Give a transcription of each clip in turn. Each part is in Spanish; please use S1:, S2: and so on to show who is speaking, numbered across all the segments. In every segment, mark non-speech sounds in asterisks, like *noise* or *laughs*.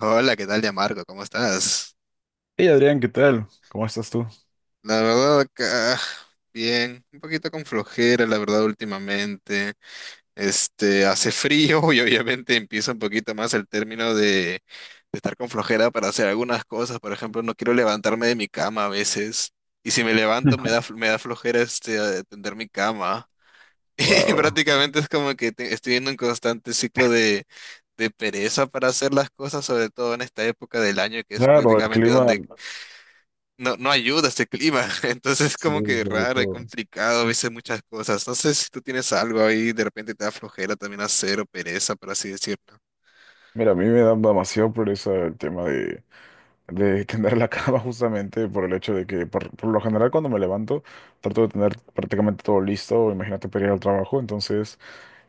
S1: Hola, ¿qué tal, Yamarco? ¿Cómo estás?
S2: Hey Adrián, ¿qué tal? ¿Cómo estás tú?
S1: La verdad acá, bien, un poquito con flojera, la verdad, últimamente. Hace frío *laughs* y obviamente empieza un poquito más el término de estar con flojera para hacer algunas cosas. Por ejemplo, no quiero levantarme de mi cama a veces. Y si me levanto, me da,
S2: *laughs*
S1: me da flojera tender mi cama. *laughs* Y
S2: Wow.
S1: prácticamente es como que estoy en un constante ciclo de pereza para hacer las cosas, sobre todo en esta época del año que es
S2: Claro, el
S1: prácticamente
S2: clima,
S1: donde no ayuda este clima. *laughs* Entonces es
S2: sí,
S1: como que
S2: sobre
S1: raro y
S2: todo.
S1: complicado a veces muchas cosas. No sé si tú tienes algo ahí, de repente te da flojera también hacer o pereza, por así decirlo.
S2: Mira, a mí me da demasiado pereza el tema de tender la cama *laughs* justamente por el hecho de que por lo general cuando me levanto trato de tener prácticamente todo listo, imagínate para ir al trabajo. Entonces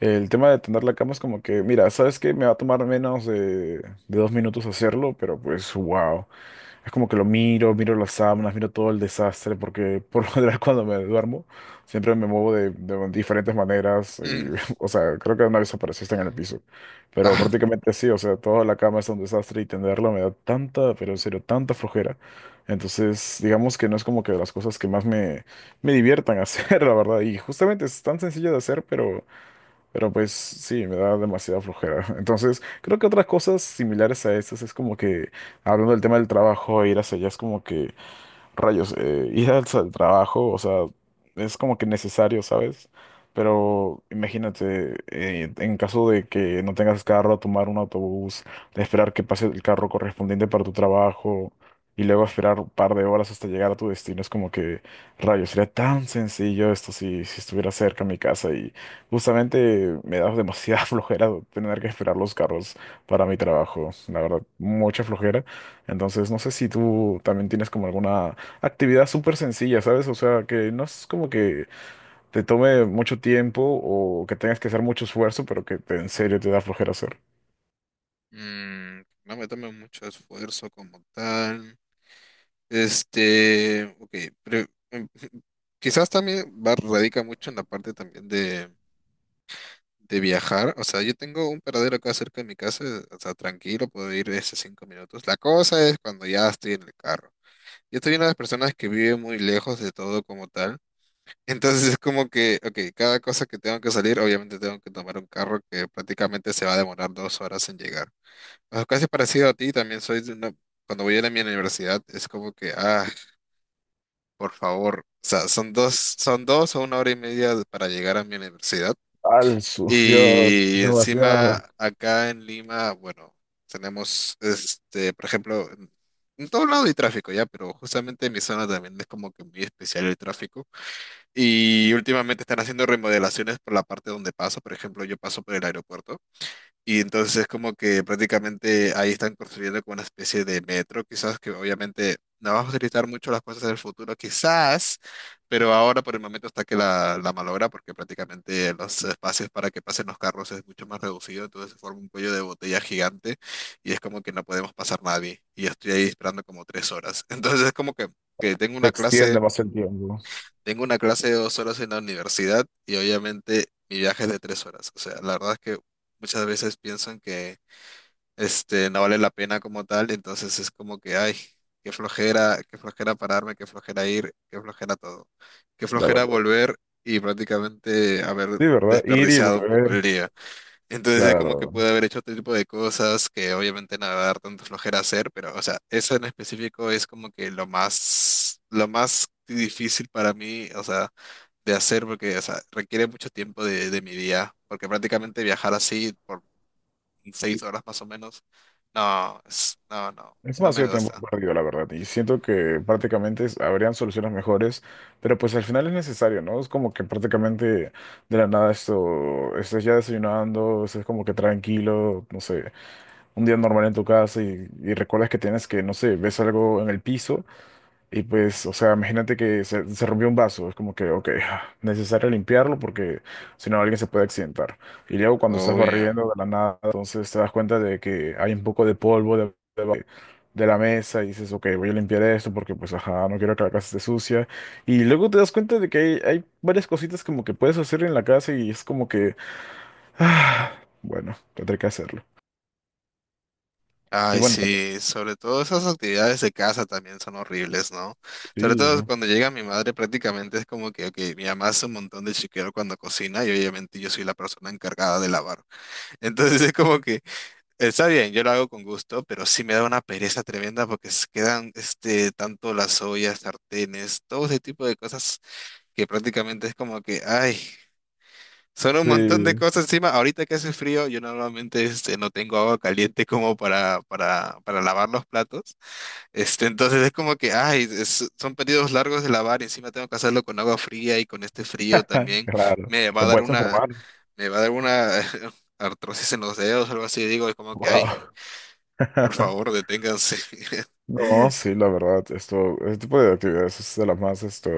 S2: el tema de tender la cama es como que, mira, sabes que me va a tomar menos de 2 minutos hacerlo, pero pues wow. Es como que lo miro, miro las sábanas, miro todo el desastre, porque *laughs* por lo general *laughs* cuando me duermo siempre me muevo de diferentes maneras.
S1: *laughs* Mm.
S2: *laughs* O sea, creo que una vez apareciste en el piso. Pero
S1: Ah,
S2: prácticamente sí, o sea, toda la cama es un desastre y tenderla me da tanta, pero en serio, tanta flojera. Entonces, digamos que no es como que de las cosas que más me diviertan *laughs* hacer, la verdad. Y justamente es tan sencillo de hacer, pero... pero pues sí, me da demasiada flojera. *laughs* Entonces, creo que otras cosas similares a estas es como que, hablando del tema del trabajo, ir hacia allá es como que rayos, ir al trabajo, o sea, es como que necesario, ¿sabes? Pero imagínate, en caso de que no tengas carro, tomar un autobús, esperar que pase el carro correspondiente para tu trabajo y luego esperar un par de horas hasta llegar a tu destino, es como que rayos, sería tan sencillo esto si estuviera cerca a mi casa, y justamente me da demasiada *laughs* flojera tener que esperar los carros para mi trabajo, la verdad, mucha flojera. Entonces, no sé si tú también tienes como alguna actividad súper sencilla, ¿sabes? O sea, que no es como que te tome mucho tiempo o que tengas que hacer mucho esfuerzo, pero en serio te da flojera hacer.
S1: mm, no me tome mucho esfuerzo como tal. Ok, pero, em, *laughs* quizás también va, radica mucho en la parte también de viajar, o sea, yo tengo un paradero acá cerca de mi casa, o sea, tranquilo, puedo ir de esos 5 minutos. La cosa es cuando ya estoy en el carro. Yo soy una de las personas que vive muy lejos de todo como tal. *laughs* Entonces es como que, ok, cada cosa que tengo que salir, obviamente tengo que tomar un carro que prácticamente se va a demorar 2 horas en llegar. O sea, casi parecido a ti, también soy de una, cuando voy a la mi universidad, es como que, ah, por favor, o sea, son dos o 1 hora y media para llegar a mi universidad.
S2: *laughs* Dios,
S1: Y encima
S2: demasiado.
S1: acá en Lima, bueno, tenemos, por ejemplo, en todo lado hay tráfico ya, pero justamente en mi zona también es como que muy especial el tráfico. Y últimamente están haciendo remodelaciones por la parte donde paso, por ejemplo, yo paso por el aeropuerto. Y entonces es como que prácticamente ahí están construyendo como una especie de metro, quizás que obviamente no vamos a utilizar mucho las cosas del futuro, quizás, pero ahora por el momento está que la malogra porque prácticamente los espacios para que pasen los carros es mucho más reducido, entonces se forma un cuello de botella gigante y es como que no podemos pasar nadie. Y yo estoy ahí esperando como 3 horas. *laughs* Entonces es como que, que tengo
S2: Te
S1: una
S2: extiende
S1: clase,
S2: más el tiempo,
S1: tengo una clase de 2 horas en la universidad y obviamente mi viaje es de 3 horas. O sea, la verdad es que muchas veces piensan que no vale la pena como tal, entonces es como que, ay, qué flojera pararme, qué flojera ir, qué flojera todo, qué
S2: la
S1: flojera
S2: verdad.
S1: volver y prácticamente haber
S2: Sí, ¿verdad? Ir y
S1: desperdiciado un poco
S2: volver,
S1: el día. Entonces es como que
S2: claro.
S1: pude haber hecho otro tipo de cosas que obviamente no me va a dar tanta flojera hacer, pero, o sea, eso en específico es como que lo más difícil para mí, o sea, de hacer porque, o sea, requiere mucho tiempo de mi día, porque prácticamente viajar así por 6 horas más o menos. No,
S2: Es
S1: no me
S2: demasiado tiempo
S1: gusta.
S2: perdido, la verdad. Y siento que prácticamente habrían soluciones mejores, pero pues al final es necesario, ¿no? Es como que prácticamente de la nada esto, estás ya desayunando, estás como que tranquilo, no sé, un día normal en tu casa, y recuerdas que tienes que, no sé, ves algo en el piso y pues, o sea, imagínate se rompió un vaso, es como que ok, *laughs* *sighs* necesario limpiarlo porque si no alguien se puede accidentar. Y luego cuando estás
S1: Obvio.
S2: barriendo de la nada, entonces te das cuenta de que hay un poco de polvo de la mesa y dices, ok, voy a limpiar esto porque pues, ajá, no quiero que la casa esté sucia. Y luego te das cuenta de que hay varias cositas como que puedes hacer en la casa y es como que *sighs* ah, bueno, tendré que hacerlo. Y
S1: Ay,
S2: bueno, también,
S1: sí, sobre todo esas actividades de casa también son horribles, ¿no? Sobre
S2: sí,
S1: todo
S2: ¿no?
S1: cuando llega mi madre prácticamente es como que, ok, mi mamá hace un montón de chiquero cuando cocina y obviamente yo soy la persona encargada de lavar. *laughs* Entonces es como que, está bien, yo lo hago con gusto, pero sí me da una pereza tremenda porque se quedan, este, tanto las ollas, sartenes, todo ese tipo de cosas que prácticamente es como que, ay. Son un montón de
S2: Sí,
S1: cosas encima. Ahorita que hace frío, yo normalmente este, no tengo agua caliente como para, para lavar los platos. Entonces es como que, ay, son periodos largos de lavar y encima tengo que hacerlo con agua fría y con este frío
S2: *laughs*
S1: también.
S2: claro.
S1: Me va a
S2: Te
S1: dar
S2: puedes
S1: una,
S2: enfermar.
S1: me va a dar una *laughs* artrosis en los dedos o algo así. Digo, es como que, ay,
S2: Wow.
S1: por favor,
S2: *laughs*
S1: deténganse.
S2: No, sí, la verdad, esto, este tipo de actividades es de las más, esto,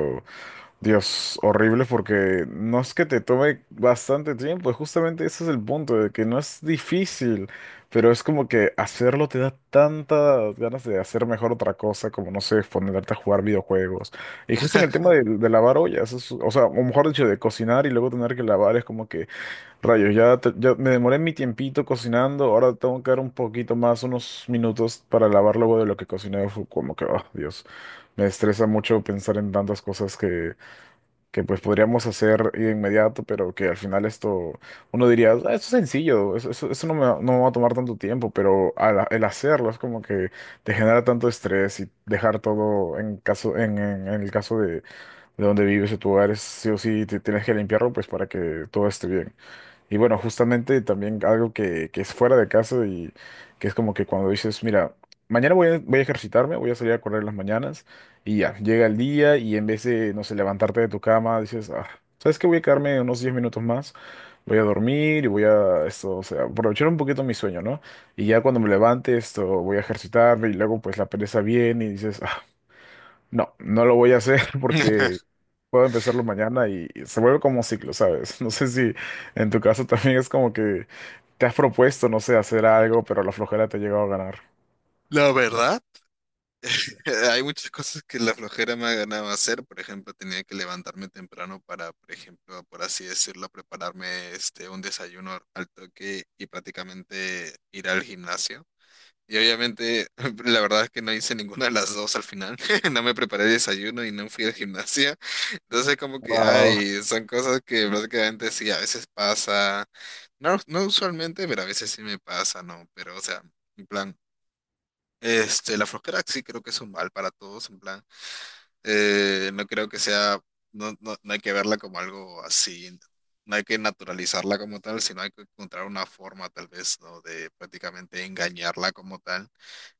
S2: Dios, horrible porque no es que te tome bastante tiempo, justamente ese es el punto, de que no es difícil, pero es como que hacerlo te da tantas ganas de hacer mejor otra cosa, como no sé, ponerte a jugar videojuegos. Y justo en el tema
S1: *laughs*
S2: de lavar ollas, o sea, o mejor dicho, de cocinar y luego tener que lavar, es como que rayos, ya, ya me demoré mi tiempito cocinando, ahora tengo que dar un poquito más, unos minutos para lavar luego de lo que cociné, fue como que, oh, Dios, me estresa mucho pensar en tantas cosas que pues podríamos hacer de inmediato, pero que al final esto, uno diría, "Ah, esto es sencillo, eso no me, va no me va a tomar tanto tiempo, pero el hacerlo es como que te genera tanto estrés, y dejar todo en caso, en el caso de donde vives, de tu hogar, es sí o sí, tienes que limpiarlo pues para que todo esté bien. Y bueno, justamente también algo que es fuera de casa y que es como que cuando dices, mira, mañana voy a ejercitarme, voy a salir a correr en las mañanas, y ya, llega el día y en vez de, no sé, levantarte de tu cama, dices, ah, ¿sabes qué? Voy a quedarme unos 10 minutos más, voy a dormir y voy a, esto, o sea, aprovechar un poquito mi sueño, ¿no? Y ya cuando me levante, esto, voy a ejercitarme, y luego pues la pereza viene y dices, ah, no, no lo voy a hacer *laughs* porque puedo empezarlo mañana, y se vuelve como un ciclo, ¿sabes? *laughs* No sé si en tu caso también es como que te has propuesto, no sé, hacer algo, pero la flojera te ha llegado a ganar.
S1: La verdad. *laughs* Hay muchas cosas que la flojera me ha ganado a hacer. Por ejemplo, tenía que levantarme temprano para, por ejemplo, por así decirlo, prepararme este un desayuno al toque y prácticamente ir al gimnasio. Y obviamente, *laughs* la verdad es que no hice ninguna de las dos al final. *laughs* No me preparé el desayuno y no fui al gimnasio. *laughs* Entonces, como que,
S2: Wow.
S1: ay, son cosas que prácticamente sí, a veces pasa. No, no usualmente, pero a veces sí me pasa, ¿no? Pero, o sea, en plan. La flojera sí creo que es un mal para todos, en plan. Eh, no creo que sea, no hay que verla como algo así, no hay que naturalizarla como tal, sino hay que encontrar una forma tal vez, ¿no? De prácticamente engañarla como tal.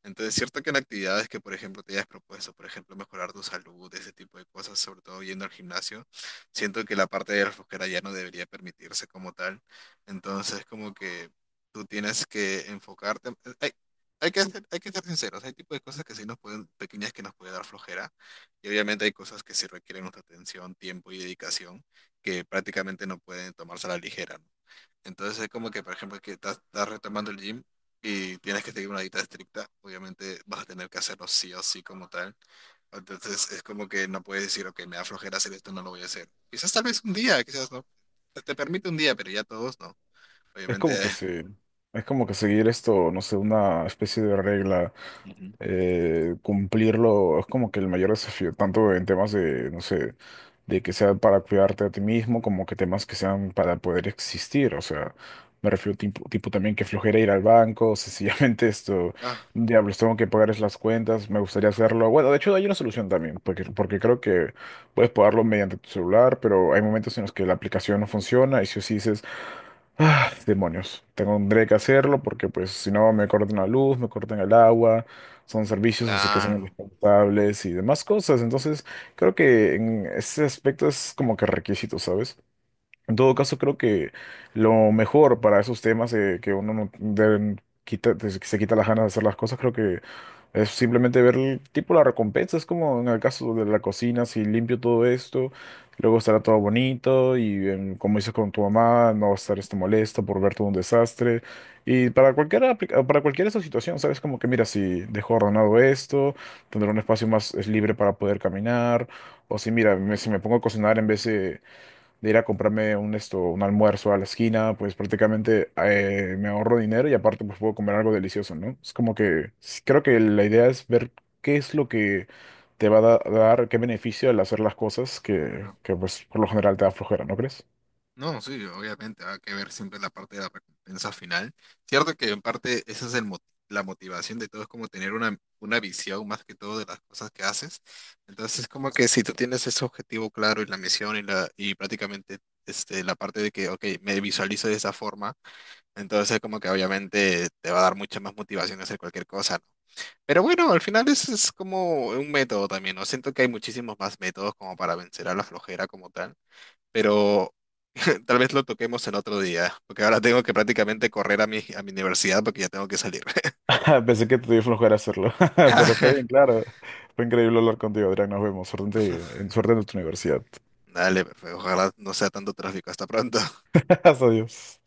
S1: Entonces, cierto que en actividades que, por ejemplo, te hayas propuesto, por ejemplo, mejorar tu salud, ese tipo de cosas, sobre todo yendo al gimnasio, siento que la parte de la flojera ya no debería permitirse como tal. Entonces, como que tú tienes que enfocarte. Hay que ser sinceros, hay tipos de cosas que sí nos pueden, pequeñas que nos puede dar flojera y obviamente hay cosas que sí requieren nuestra atención, tiempo y dedicación que prácticamente no pueden tomarse a la ligera, ¿no? Entonces es como que, por ejemplo, que estás retomando el gym y tienes que seguir una dieta estricta, obviamente vas a tener que hacerlo sí o sí como tal. Entonces es como que no puedes decir, ok, me da flojera hacer esto, no lo voy a hacer. Quizás tal vez un día, quizás no. Te permite un día, pero ya todos no.
S2: Es
S1: Obviamente,
S2: como que se, es como que seguir esto, no sé, una especie de regla,
S1: ujú.
S2: cumplirlo, es como que el mayor desafío, tanto en temas de, no sé, de que sea para cuidarte a ti mismo, como que temas que sean para poder existir, o sea, me refiero tipo, tipo también que flojera ir al banco, *laughs* sencillamente esto,
S1: Ah,
S2: diablos, tengo que pagar es las cuentas, me gustaría hacerlo. Bueno, de hecho hay una solución también, porque, porque creo que puedes pagarlo mediante tu celular, pero hay momentos en los que la aplicación no funciona, y si os dices ah, demonios, tendré que hacerlo porque pues si no me cortan la luz, me cortan el agua, son servicios así que son
S1: claro,
S2: indispensables y demás cosas. Entonces creo que en ese aspecto es como que requisito, ¿sabes? En todo caso creo que lo mejor para esos temas, que uno no, que se quita las ganas de hacer las cosas, creo que es simplemente ver el tipo la recompensa. Es como en el caso de la cocina, si limpio todo esto, luego estará todo bonito y em, como dices, con tu mamá no va a estar esto molesta por ver todo un desastre. Y para para cualquier esa situación, ¿sabes? Como que mira, si dejo ordenado esto, tendré un espacio más libre para poder caminar. O si mira, si me pongo a cocinar en vez de ir a comprarme un, esto, un almuerzo a la esquina, pues prácticamente me ahorro dinero y aparte pues puedo comer algo delicioso, ¿no? Es como que creo que la idea es ver qué es lo que te dar, qué beneficio al hacer las cosas
S1: claro.
S2: que pues por lo general te da flojera, ¿no crees?
S1: No, sí, obviamente va a que ver siempre la parte de la recompensa final. Cierto que en parte esa es el la motivación de todo, es como tener una visión más que todo de las cosas que haces. Entonces es como que si tú tienes ese objetivo claro y la misión y prácticamente la parte de que, ok, me visualizo de esa forma, entonces como que obviamente te va a dar mucha más motivación a hacer cualquier cosa, ¿no? Pero bueno, al final es como un método también, ¿no? Siento que hay muchísimos más métodos como para vencer a la flojera como tal, pero *laughs* tal vez lo toquemos en otro día, porque ahora tengo que prácticamente correr a a mi universidad porque ya tengo que salir.
S2: *laughs* Pensé que te dio flojera hacerlo, *laughs* pero está bien,
S1: *laughs*
S2: claro. Fue increíble hablar contigo, Adrián. Nos vemos. Suerte suerte en tu universidad.
S1: Dale, pues, ojalá no sea tanto tráfico. Hasta pronto.
S2: *laughs* Hasta Dios.